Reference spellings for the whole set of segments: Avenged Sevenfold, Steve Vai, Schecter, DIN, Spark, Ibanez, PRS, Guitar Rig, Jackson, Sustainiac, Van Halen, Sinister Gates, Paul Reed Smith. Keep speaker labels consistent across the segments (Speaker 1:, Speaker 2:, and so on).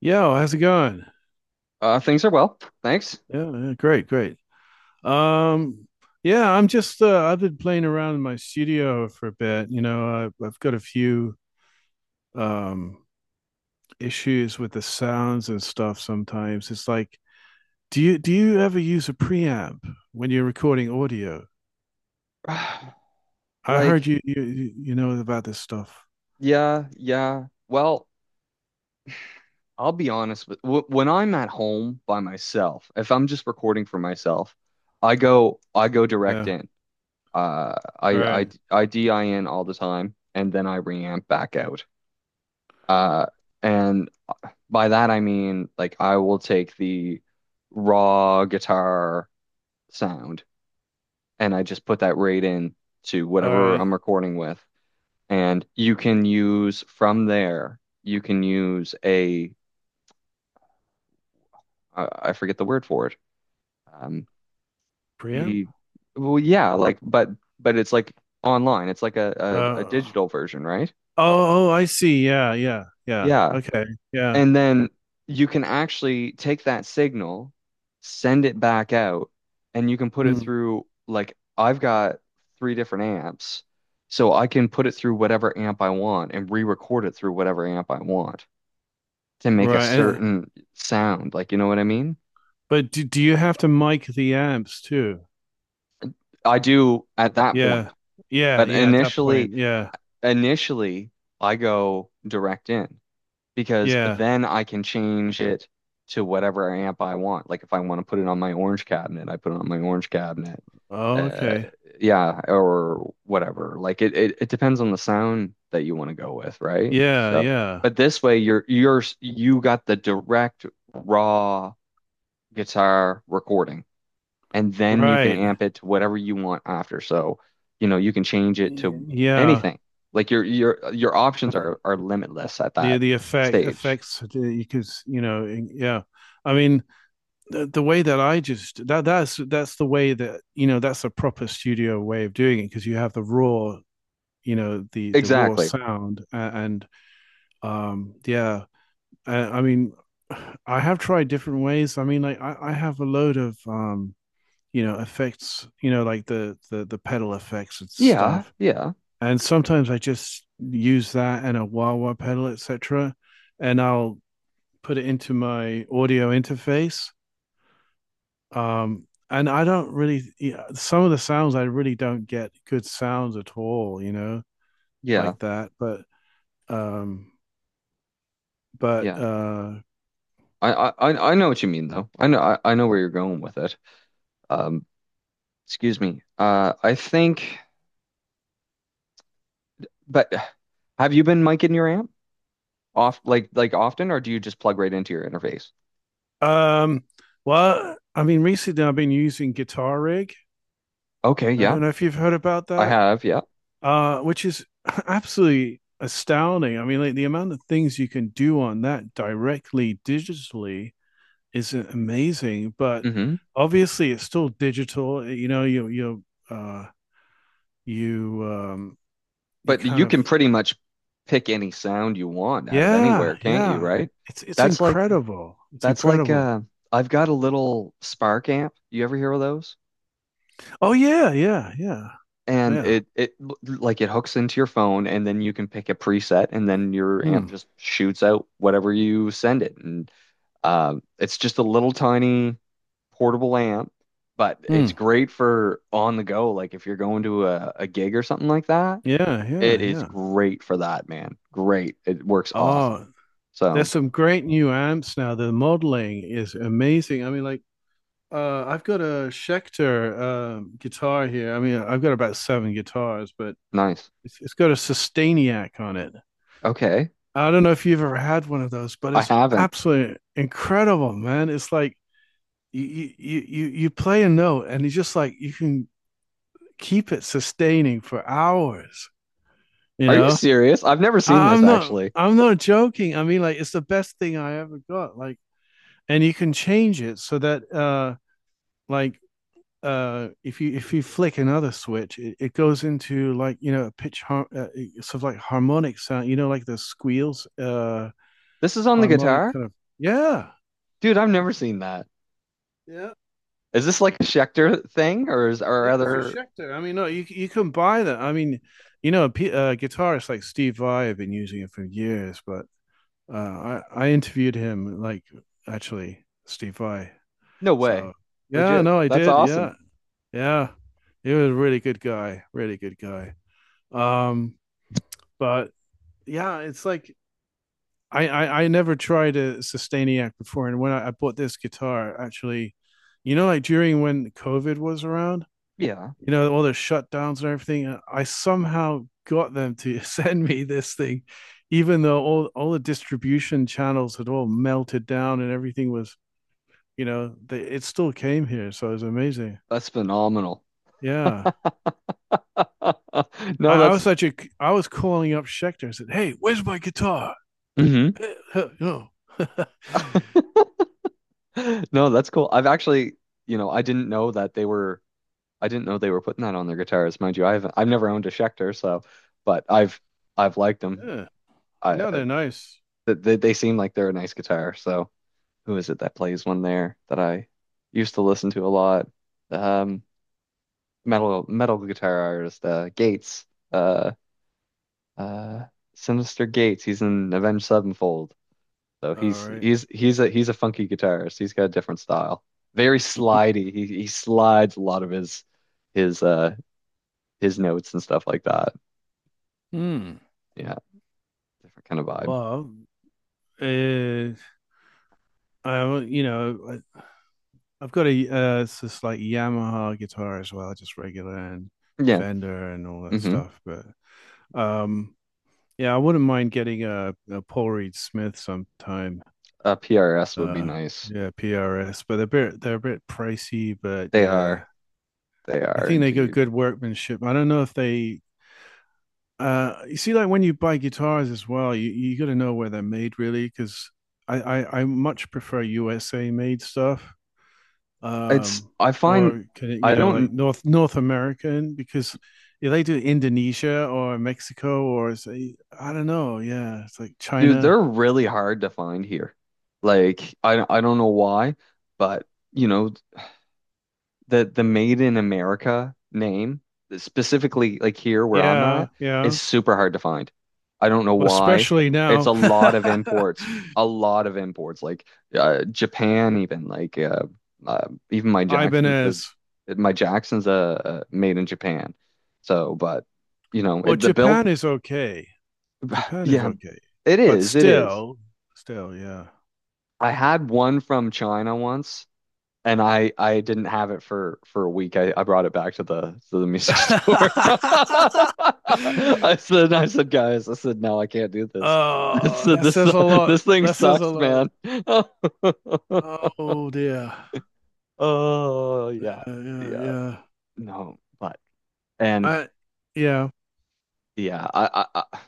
Speaker 1: Yo, how's it going?
Speaker 2: Things are well, thanks.
Speaker 1: Yeah, yeah, great, great. Um, yeah, I'm just I've been playing around in my studio for a bit. You know, I've got a few um issues with the sounds and stuff sometimes. It's like, do you ever use a preamp when you're recording audio? I heard
Speaker 2: Like,
Speaker 1: you know about this stuff.
Speaker 2: yeah, yeah. Well, I'll be honest with w when I'm at home by myself, if I'm just recording for myself, I go direct
Speaker 1: Yeah.
Speaker 2: in. Uh,
Speaker 1: All
Speaker 2: I I
Speaker 1: right.
Speaker 2: I DIN all the time, and then I reamp back out. Uh, and by that I mean like I will take the raw guitar sound and I just put that right in to
Speaker 1: All
Speaker 2: whatever
Speaker 1: right.
Speaker 2: I'm recording with. And you can use from there, you can use a I forget the word for it. Um,
Speaker 1: Preamp?
Speaker 2: the yeah, like but it's like online. It's like
Speaker 1: Uh
Speaker 2: a
Speaker 1: oh,
Speaker 2: digital version, right?
Speaker 1: oh, I see. Yeah, yeah, yeah.
Speaker 2: Yeah.
Speaker 1: Okay. Yeah.
Speaker 2: And then you can actually take that signal, send it back out, and you can put it
Speaker 1: Mm.
Speaker 2: through like I've got three different amps, so I can put it through whatever amp I want and re-record it through whatever amp I want to make a
Speaker 1: Right.
Speaker 2: certain sound. Like, you know what I mean?
Speaker 1: But do you have to mic the amps too?
Speaker 2: I do at that
Speaker 1: Yeah.
Speaker 2: point.
Speaker 1: Yeah,
Speaker 2: But
Speaker 1: yeah, at that point.
Speaker 2: initially,
Speaker 1: Yeah.
Speaker 2: initially, I go direct in because
Speaker 1: Yeah.
Speaker 2: then I can change it to whatever amp I want. Like if I want to put it on my orange cabinet, I put it on my orange cabinet.
Speaker 1: Oh,
Speaker 2: Uh,
Speaker 1: okay.
Speaker 2: yeah, or whatever. Like it depends on the sound that you want to go with, right?
Speaker 1: Yeah,
Speaker 2: So,
Speaker 1: yeah.
Speaker 2: but this way you're you got the direct raw guitar recording, and then you can
Speaker 1: Right.
Speaker 2: amp it to whatever you want after. So, you know, you can change it to
Speaker 1: Yeah.
Speaker 2: anything. Like your options are limitless at
Speaker 1: The
Speaker 2: that stage.
Speaker 1: effects that you could, yeah. I mean, the way that I just that that's the way that, you know, that's a proper studio way of doing it because you have the raw, you know, the raw
Speaker 2: Exactly.
Speaker 1: sound and yeah I mean, I have tried different ways. I mean, like I have a load of you know, effects, you know, like the the pedal effects and
Speaker 2: Yeah,
Speaker 1: stuff.
Speaker 2: yeah,
Speaker 1: And sometimes I just use that and a wah wah pedal, etc. And I'll put it into my audio interface. And I don't really yeah, some of the sounds I really don't get good sounds at all, you know,
Speaker 2: yeah,
Speaker 1: like that. Um, but
Speaker 2: yeah.
Speaker 1: uh,
Speaker 2: I know what you mean though. I know I know where you're going with it. Um, Excuse me. I think, but have you been miking your amp off like often, or do you just plug right into your interface?
Speaker 1: Um, well, I mean, recently I've been using Guitar Rig.
Speaker 2: Okay,
Speaker 1: I
Speaker 2: yeah,
Speaker 1: don't know if you've heard about
Speaker 2: I
Speaker 1: that,
Speaker 2: have. Yeah.
Speaker 1: which is absolutely astounding. I mean, like the amount of things you can do on that directly digitally is amazing. But
Speaker 2: Mm-hmm.
Speaker 1: obviously, it's still digital. You know, uh, you um, you
Speaker 2: But
Speaker 1: kind
Speaker 2: you can
Speaker 1: of
Speaker 2: pretty much pick any sound you want out of
Speaker 1: yeah
Speaker 2: anywhere, can't you,
Speaker 1: yeah.
Speaker 2: right?
Speaker 1: It's
Speaker 2: That's like
Speaker 1: incredible. It's
Speaker 2: that's like
Speaker 1: incredible.
Speaker 2: uh I've got a little Spark amp. You ever hear of those?
Speaker 1: Oh yeah yeah yeah
Speaker 2: And
Speaker 1: yeah.
Speaker 2: it like it hooks into your phone and then you can pick a preset and then your amp
Speaker 1: Hmm.
Speaker 2: just shoots out whatever you send it. And it's just a little tiny portable amp, but it's
Speaker 1: Hmm.
Speaker 2: great for on the go, like if you're going to a gig or something like that.
Speaker 1: Yeah, yeah,
Speaker 2: It is
Speaker 1: yeah.
Speaker 2: great for that, man. Great. It works awesome.
Speaker 1: Oh, there's
Speaker 2: So
Speaker 1: some great new amps now. The modeling is amazing. I mean, like, I've got a Schecter guitar here. I mean, I've got about seven guitars, but
Speaker 2: nice.
Speaker 1: it's got a Sustainiac on it.
Speaker 2: Okay.
Speaker 1: I don't know if you've ever had one of those, but
Speaker 2: I
Speaker 1: it's
Speaker 2: haven't.
Speaker 1: absolutely incredible, man. It's like you play a note, and it's just like you can keep it sustaining for hours. You
Speaker 2: Are you
Speaker 1: know,
Speaker 2: serious? I've never seen this actually.
Speaker 1: I'm not joking. I mean, like, it's the best thing I ever got. Like and you can change it so that like if you flick another switch, it goes into like you know a sort of like harmonic sound you know like the squeals
Speaker 2: This is on the
Speaker 1: harmonic
Speaker 2: guitar?
Speaker 1: kind of yeah
Speaker 2: Dude, I've never seen that.
Speaker 1: yeah
Speaker 2: Is this like a Schecter thing or is or
Speaker 1: yeah it's a
Speaker 2: other
Speaker 1: Schecter. I mean no you you can buy that. I mean you know a guitarist like Steve Vai have been using it for years but I interviewed him like actually Steve Vai.
Speaker 2: no way.
Speaker 1: So yeah
Speaker 2: Legit.
Speaker 1: no I
Speaker 2: That's
Speaker 1: did
Speaker 2: awesome.
Speaker 1: yeah. Yeah. He was a really good guy. Really good guy. Um, but yeah, it's like I never tried a Sustainiac before. And when I bought this guitar, actually, you know, like during when COVID was around,
Speaker 2: Yeah.
Speaker 1: you know, all the shutdowns and everything, I somehow got them to send me this thing, even though all the distribution channels had all melted down and everything was, you know, they, it still came here. So it was amazing.
Speaker 2: That's phenomenal.
Speaker 1: Yeah.
Speaker 2: No,
Speaker 1: I, I
Speaker 2: that's
Speaker 1: was such a I was calling up Schecter and said, "Hey, where's my guitar?"
Speaker 2: hmm.
Speaker 1: no,
Speaker 2: No, that's cool. I've actually, you know, I didn't know that they were I didn't know they were putting that on their guitars, mind you. I've never owned a Schecter, so but I've liked them.
Speaker 1: Yeah.
Speaker 2: I
Speaker 1: No, they're nice.
Speaker 2: they seem like they're a nice guitar. So who is it that plays one there that I used to listen to a lot? Um, metal guitar artist Gates, uh, uh, Sinister Gates. He's in Avenged Sevenfold, so
Speaker 1: All
Speaker 2: he's
Speaker 1: right.
Speaker 2: he's he's a he's a funky guitarist. He's got a different style, very slidey. He slides a lot of his his his notes and stuff like that.
Speaker 1: Hmm.
Speaker 2: Yeah. Different kind of vibe.
Speaker 1: Well, uh, I you know I, I've got a it's this like Yamaha guitar as well, just regular and
Speaker 2: Yeah.
Speaker 1: Fender and all that
Speaker 2: Hmm.
Speaker 1: stuff. But um, yeah, I wouldn't mind getting a Paul Reed Smith sometime.
Speaker 2: A PRS would be
Speaker 1: Uh,
Speaker 2: nice.
Speaker 1: yeah, PRS, but they're a bit pricey, but
Speaker 2: They
Speaker 1: yeah,
Speaker 2: are. They
Speaker 1: I
Speaker 2: are
Speaker 1: think they got
Speaker 2: indeed.
Speaker 1: good workmanship. I don't know if they, you see, like when you buy guitars as well, you got to know where they're made really, because I much prefer USA made stuff,
Speaker 2: It's,
Speaker 1: um,
Speaker 2: I find,
Speaker 1: or can it, you
Speaker 2: I
Speaker 1: know, like
Speaker 2: don't,
Speaker 1: North American, because if they do Indonesia or Mexico or say, I don't know, yeah, it's like
Speaker 2: Dude,
Speaker 1: China.
Speaker 2: they're really hard to find here. Like, I don't know why, but, you know, the Made in America name, specifically like here where I'm
Speaker 1: Yeah,
Speaker 2: at, is
Speaker 1: yeah.
Speaker 2: super hard to find. I don't know
Speaker 1: Well,
Speaker 2: why.
Speaker 1: especially
Speaker 2: It's
Speaker 1: now,
Speaker 2: a lot of imports, a lot of imports, like Japan even, like even my Jackson's the
Speaker 1: Ibanez.
Speaker 2: my Jackson's made in Japan. So, but you know,
Speaker 1: Well,
Speaker 2: it, the build,
Speaker 1: Japan is okay. Japan is
Speaker 2: yeah,
Speaker 1: okay,
Speaker 2: it
Speaker 1: but
Speaker 2: is, it is.
Speaker 1: still, still, yeah.
Speaker 2: I had one from China once and I didn't have it for a week. I brought it back to the music store. I said guys, I said no, I can't do this. I
Speaker 1: oh,
Speaker 2: said
Speaker 1: that says a lot.
Speaker 2: this thing
Speaker 1: That says a
Speaker 2: sucks,
Speaker 1: lot.
Speaker 2: man.
Speaker 1: Oh dear.
Speaker 2: Oh
Speaker 1: Yeah,
Speaker 2: yeah,
Speaker 1: yeah,
Speaker 2: yeah,
Speaker 1: yeah.
Speaker 2: no, but and
Speaker 1: I, yeah,
Speaker 2: yeah, I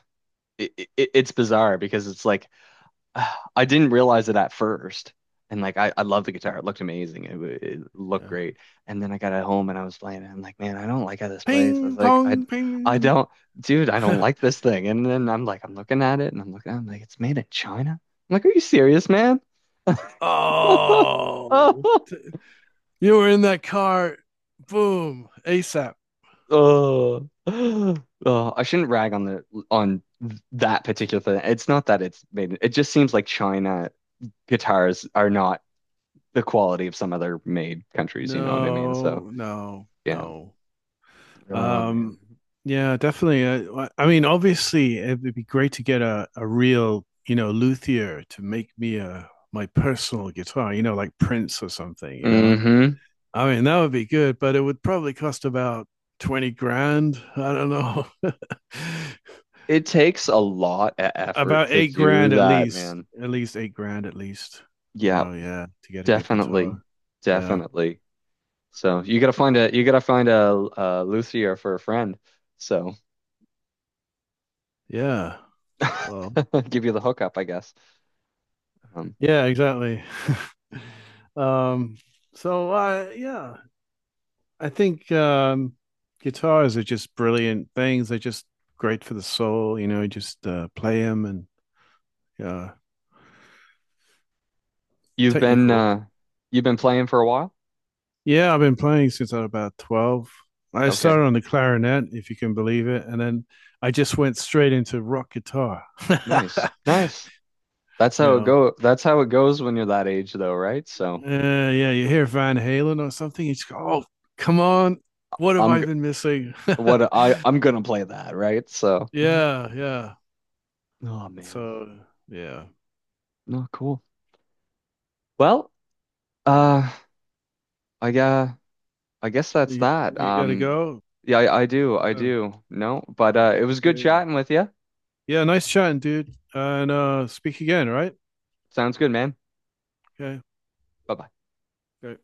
Speaker 2: it's bizarre because it's like I didn't realize it at first. And like I love the guitar. It looked amazing. It looked
Speaker 1: yeah.
Speaker 2: great. And then I got at home and I was playing it. I'm like, man, I don't like how this plays. I was
Speaker 1: Ping
Speaker 2: like,
Speaker 1: pong,
Speaker 2: I
Speaker 1: ping.
Speaker 2: don't, dude, I don't like this thing. And then I'm like, I'm looking at it and I'm looking, I'm like, it's made in China. I'm like, are you serious, man?
Speaker 1: oh, you were in that car. Boom, ASAP.
Speaker 2: Oh, oh, I shouldn't rag on the on that particular thing. It's not that it's made. It just seems like China guitars are not the quality of some other made countries, you know what I mean? So,
Speaker 1: No, no,
Speaker 2: yeah.
Speaker 1: no.
Speaker 2: Oh man.
Speaker 1: Um, yeah, definitely. I mean, obviously, it would be great to get a real, you know, luthier to make me a my personal guitar, you know, like Prince or something, you know.
Speaker 2: Mm-hmm.
Speaker 1: I mean, that would be good, but it would probably cost about 20 grand. I don't know.
Speaker 2: It takes a lot of effort
Speaker 1: About
Speaker 2: to
Speaker 1: eight
Speaker 2: do
Speaker 1: grand at
Speaker 2: that,
Speaker 1: least.
Speaker 2: man.
Speaker 1: At least 8 grand at least. You
Speaker 2: Yeah,
Speaker 1: know, yeah, to get a good
Speaker 2: definitely.
Speaker 1: guitar. Yeah.
Speaker 2: Definitely. So, you gotta find a luthier for a friend. So,
Speaker 1: Yeah. Well,
Speaker 2: give you the hookup, I guess. Um,
Speaker 1: yeah, exactly. Um, yeah. I think guitars are just brilliant things. They're just great for the soul, you know. Just play them and uh,
Speaker 2: you've been
Speaker 1: technical.
Speaker 2: uh you've been playing for a while?
Speaker 1: Yeah, I've been playing since I was about 12. I
Speaker 2: Okay.
Speaker 1: started on the clarinet, if you can believe it, and then I just went straight into rock guitar. you
Speaker 2: Nice. Nice. That's how it
Speaker 1: know,
Speaker 2: go. That's how it goes when you're that age though, right? So,
Speaker 1: yeah, you hear Van Halen or something, you just go, "Oh, come on, what have
Speaker 2: I'm
Speaker 1: I been missing?"
Speaker 2: what I I'm gonna play that, right? So,
Speaker 1: yeah, yeah.
Speaker 2: oh man,
Speaker 1: So yeah,
Speaker 2: no, cool. Well, uh, I uh, I guess that's
Speaker 1: you
Speaker 2: that.
Speaker 1: you got to go.
Speaker 2: Yeah, I do, I
Speaker 1: Yeah.
Speaker 2: do. No, but it was good
Speaker 1: Okay.
Speaker 2: chatting with you.
Speaker 1: Yeah, nice chatting, dude. And speak again, right?
Speaker 2: Sounds good, man.
Speaker 1: Okay.
Speaker 2: Bye bye.
Speaker 1: Great.